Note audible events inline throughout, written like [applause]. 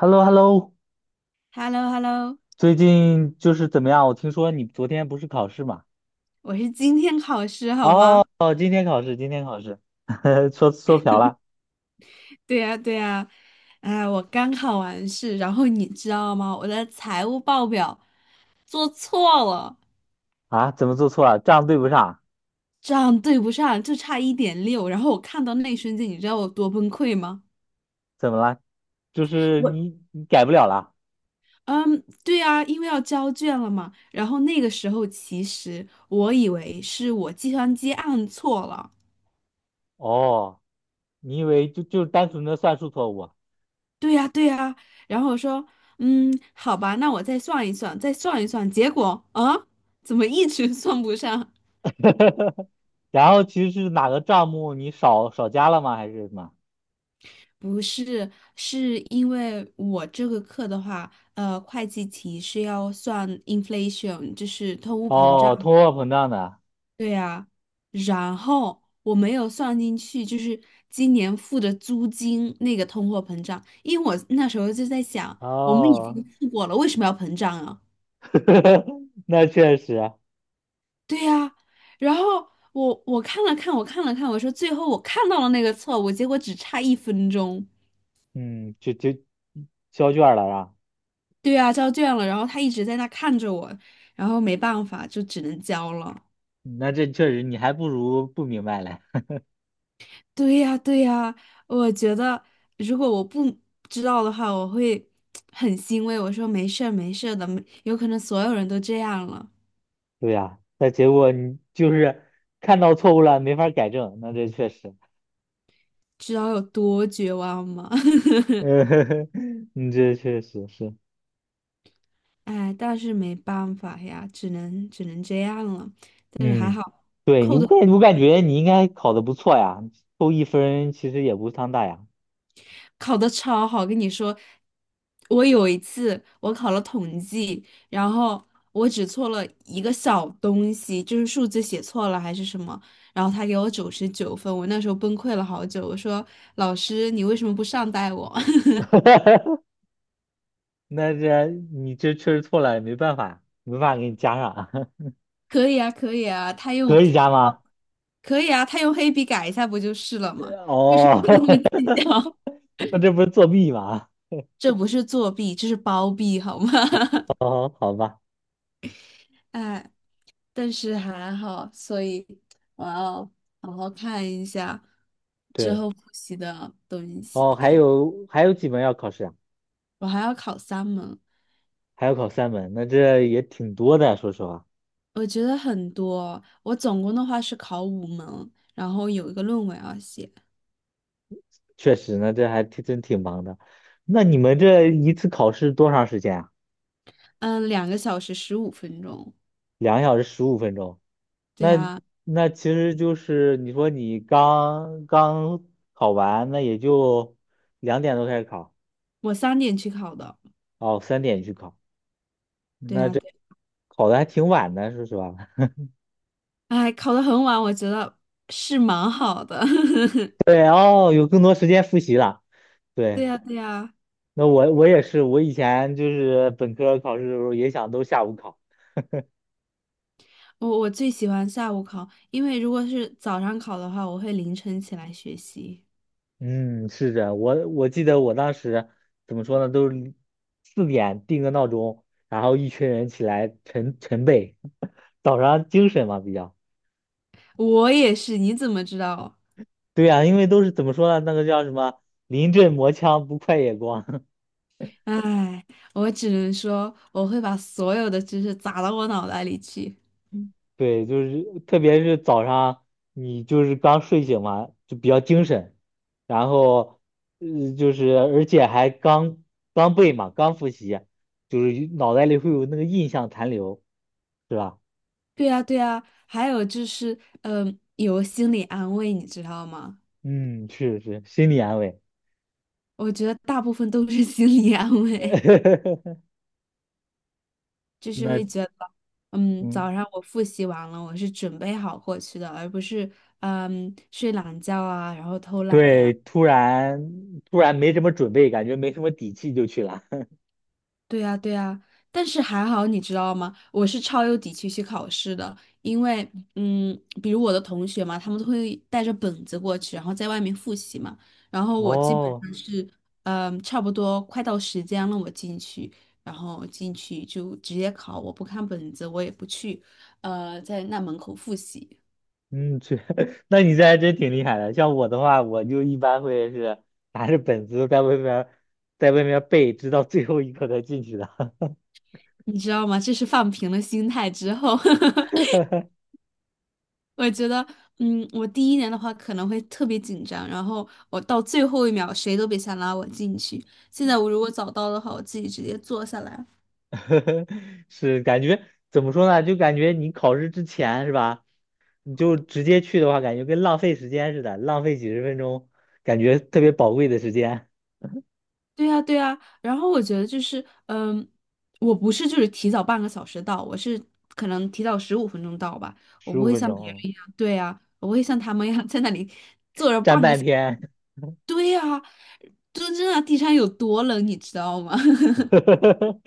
h e l l o h e l l o h e l l o h e l l o 最近就是怎么样？我听说你昨天不是考试嘛？我是今天考试好哦，吗？今天考试，今天考试，[laughs] 说说瓢了。对呀，对呀，哎，我刚考完试，然后你知道吗？我的财务报表做错了，啊？怎么做错了？账对不上？账对不上，就差1.6。然后我看到那一瞬间，你知道我多崩溃吗？怎么了？就是我，你改不了了？嗯，对啊，因为要交卷了嘛。然后那个时候，其实我以为是我计算机按错了。哦，你以为就单纯的算术错误啊，对呀，对呀。然后我说，好吧，那我再算一算，再算一算。结果啊，怎么一直 [laughs] 算不上？然后其实是哪个账目你少加了吗？还是什么？不是，是因为我这个课的话，会计题是要算 inflation，就是通货膨哦，胀。通货膨胀的。对呀，然后我没有算进去，就是今年付的租金那个通货膨胀，因为我那时候就在想，我们已哦，经付过了，为什么要膨胀啊？[laughs] 那确实啊。对呀、然后我看了看，我看了看，我说最后我看到了那个错误，结果只差1分钟。嗯，就交卷儿了是吧？对呀、交卷了，然后他一直在那看着我，然后没办法，就只能交了。那这确实你还不如不明白嘞。对呀、对呀、我觉得如果我不知道的话，我会 [tsk] 很欣慰。我说没事儿，没事儿的，没有可能所有人都这样了，对呀，但结果你就是看到错误了，没法改正，那这确实。知道有多绝望吗？[laughs] [laughs] 嗯，你这确实是。哎，但是没办法呀，只能这样了。但是还嗯，好。对你，扣我的。感我感觉你应该考的不错呀，扣一分其实也不伤大呀。考得超好，跟你说，我有一次我考了统计，然后我只错了一个小东西，就是数字写错了还是什么，然后他给我99分，我那时候崩溃了好久，我说老师你为什么不善待我？[laughs] [laughs] 那这你这确实错了，也没办法，没办法给你加上。[laughs] 可以啊，可以啊，他用，可以加吗？可以啊，他用黑笔改一下不就是了吗？为什哦，么那么计较？[laughs] 那这不是作弊吗？[laughs] 这不是作弊，这是包庇好吗？[laughs] [laughs] 哦，好吧，哎。但是还好，所以我要好好看一下之对。后复习的东西。哦，还有几门要考试啊？我还要考3门，还要考3门，那这也挺多的，说实话。我觉得很多。我总共的话是考5门，然后有一个论文要写，确实呢，这还挺真挺忙的。那你们这一次考试多长时间啊？嗯，2个小时15分钟。2个小时15分钟。对那呀，那其实就是你说你刚刚考完，那也就2点多开始考。我3点去考的。哦，3点去考，对那呀，这对，考的还挺晚的，说实话。[laughs] 哎，考的很晚，我觉得是蛮好的。[laughs] 对哦，有更多时间复习了。对对，呀，对呀，那我也是，我以前就是本科考试的时候也想都下午考。我最喜欢下午考，因为如果是早上考的话，我会凌晨起来学习。嗯，是的，我记得我当时怎么说呢，都是4点定个闹钟，然后一群人起来晨背，早上精神嘛比较。我也是，你怎么知道？对呀、因为都是怎么说呢，那个叫什么临阵磨枪不快也光。唉，我只能说我会把所有的知识砸到我脑袋里去。[laughs] 对，就是特别是早上你就是刚睡醒嘛，就比较精神，然后就是而且还刚刚背嘛，刚复习，就是脑袋里会有那个印象残留，是吧？对呀，对呀，还有就是，有心理安慰，你知道吗？嗯，是是，心理安慰。我觉得大部分都是 [laughs] 心理安慰，[laughs] 就是那会觉得，嗯，早上我复习完了，我是准备好过去的，而不是，睡懒觉啊，然后偷懒呀。对，突然没什么准备，感觉没什么底气就去了。对呀，对呀，但是还好，你知道吗？我是超有底气去考试的，因为，比如我的同学嘛，他们都会带着本子过去，然后在外面复习嘛。然后 [laughs] 我基本哦，上是，差不多快到时间了，我进去，然后进去就直接考，我不看本子，我也不去，在那门口复习，嗯，去，[laughs] 那你这还真挺厉害的。像我的话，我就一般会是拿着本子在外面，在外面背，直到最后一刻才进去的。你知道吗？这是放平了心态之后。[laughs] 我觉得，我第一年的话可能会特别紧张，然后我到最后一秒谁都别想拉我进去。现在我如果早到的话，我自己直接坐下来。[laughs] 是感觉怎么说呢？就感觉你考试之前是吧？你就直接去的话，感觉跟浪费时间似的，浪费几十分钟，感觉特别宝贵的时间。对呀，对呀，然后我觉得就是，我不是就是提早半个小时到，我是可能提早十五分钟到吧，我十不五会分像别人钟，一样，对呀，我不会像他们一样 [laughs] 在那里 站半天。[laughs]，对呀，真正的地上有多冷，你知道吗？[laughs]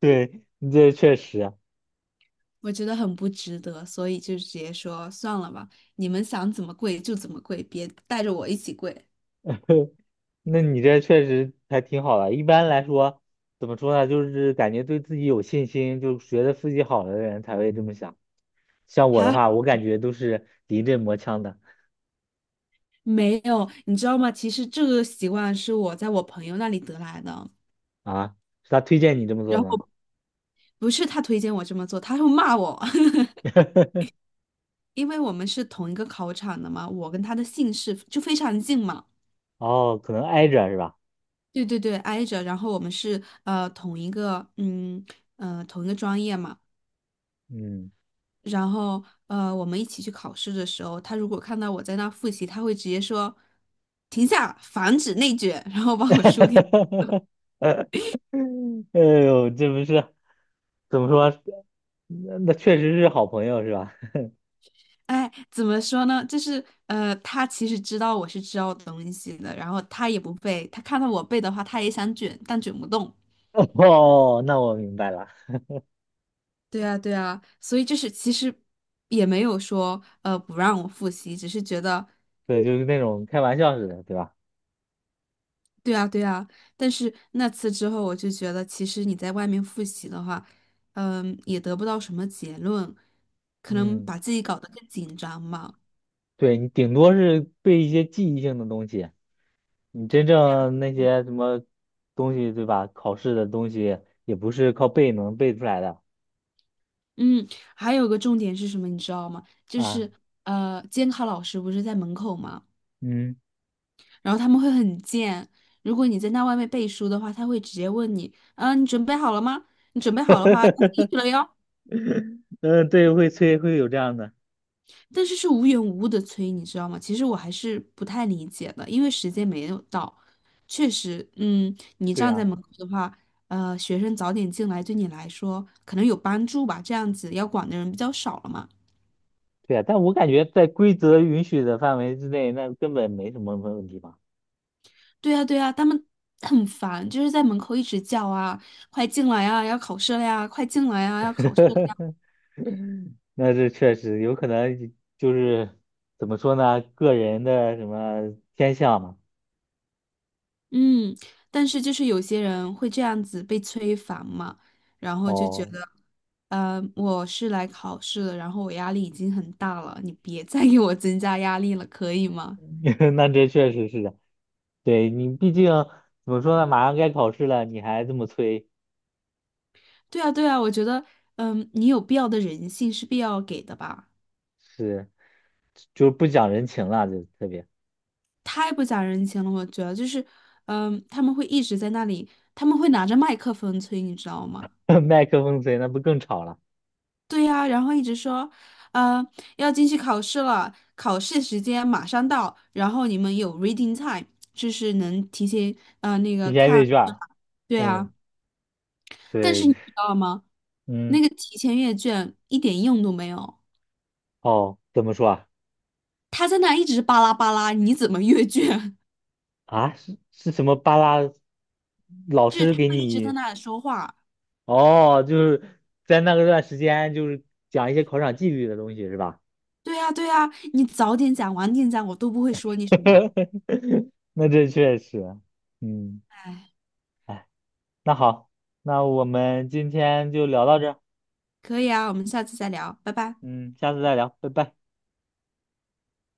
对，你这确实啊。我觉得很不值得，所以就直接说算了吧，你们想怎么跪就怎么跪，别带着我一起跪。[laughs] 那你这确实还挺好的。一般来说，怎么说呢？就是感觉对自己有信心，就觉得自己好的人才会这么想。像我的还话，好我感觉都是临阵磨枪的没有，你知道吗？其实这个习惯是我在我朋友那里得来的，啊。是他推荐你这么做然吗？后不是他推荐我这么做，他会骂我，[laughs] [laughs] 因为我们是同一个考场的嘛，我跟他的姓氏就非常近嘛。哦，可能挨着是吧？对对对，挨着，然后我们是同一个专业嘛。嗯，然后我们一起去考试的时候，他如果看到我在那复习，他会直接说：“停下，防止内卷。[laughs]” 然后把我书给。[laughs] 哎呦，这不是怎么说？那确实是好朋友是吧？哎，怎么说呢？就是他其实知道我是知道东西的，然后他也不背，他看到我背的话，他也想卷，但卷不动。[laughs] 哦，那我明白了。对啊，对啊，所以就是其实也没有说不让我复习，只是觉得。对，就是那种开玩笑似的，对吧？对啊，对啊，但是那次之后，我就觉得其实你在外面复习的话，也得不到什么结论，可能嗯，把自己搞得更紧张嘛。对，你顶多是背一些记忆性的东西，你真正那些什么东西，对吧？考试的东西也不是靠背能背出来的嗯，还有个重点是什么，你知道吗？就啊。是监考老师不是在门口嘛，嗯，然后他们会很贱，如果你在那外面背书的话，他会直接问你，你准备好了吗？你准备好的话要开 [laughs] 始了哟。嗯，对，会催，会有这样的。但是是无缘无故的催，你知道吗？其实我还是不太理解的，因为时间没有到，确实，你对站在呀，门口的话，学生早点进来对你来说可能有帮助吧，这样子要管的人比较少了嘛。对呀，但我感觉在规则允许的范围之内，那根本没什么问题吧。对呀对呀，他们 [sniffs] 很烦，就是在门口一直叫啊，快进来啊，要考试了呀，快进来啊，要考试。了呀。[laughs] [laughs] 那这确实有可能就是怎么说呢，个人的什么偏向嘛。嗯，但是就是有些人会这样子被催烦嘛，然后就觉哦，得，我是来考试的，然后我压力已经很大了，你别再给我增加压力了，可以吗？[laughs] 那这确实是的，对你毕竟怎么说呢，马上该考试了，你还这么催，对啊，对啊，我觉得，你有必要的人性是必要给的吧？是就是不讲人情了，就特别 太不讲人情了，我觉得就是，他们会一直在那里，他们会拿着麦克风催，你知道吗？[laughs] 麦克风催，那不更吵了？对呀，然后一直说，呃，要进去考试了，考试时间马上到，然后你们有 reading time，就是能提前那提个前看，阅卷儿对嗯，啊，但是对。你知道吗？那嗯，个提前阅卷一点用都没有，哦，怎么说啊？他在那一直巴拉巴拉，你怎么阅卷？啊，是是什么巴拉 [laughs] 老就是师他给会一直在你？那里说话。哦，就是在那个段时间，就是讲一些考场纪律的东西，是吧？对呀，对呀，你早点讲，晚点讲，我都不会说你什么。[laughs] 那这确实。嗯，哎，哎，那好，那我们今天就聊到这儿。可以啊，我们下次再聊，拜拜。嗯，下次再聊，拜拜。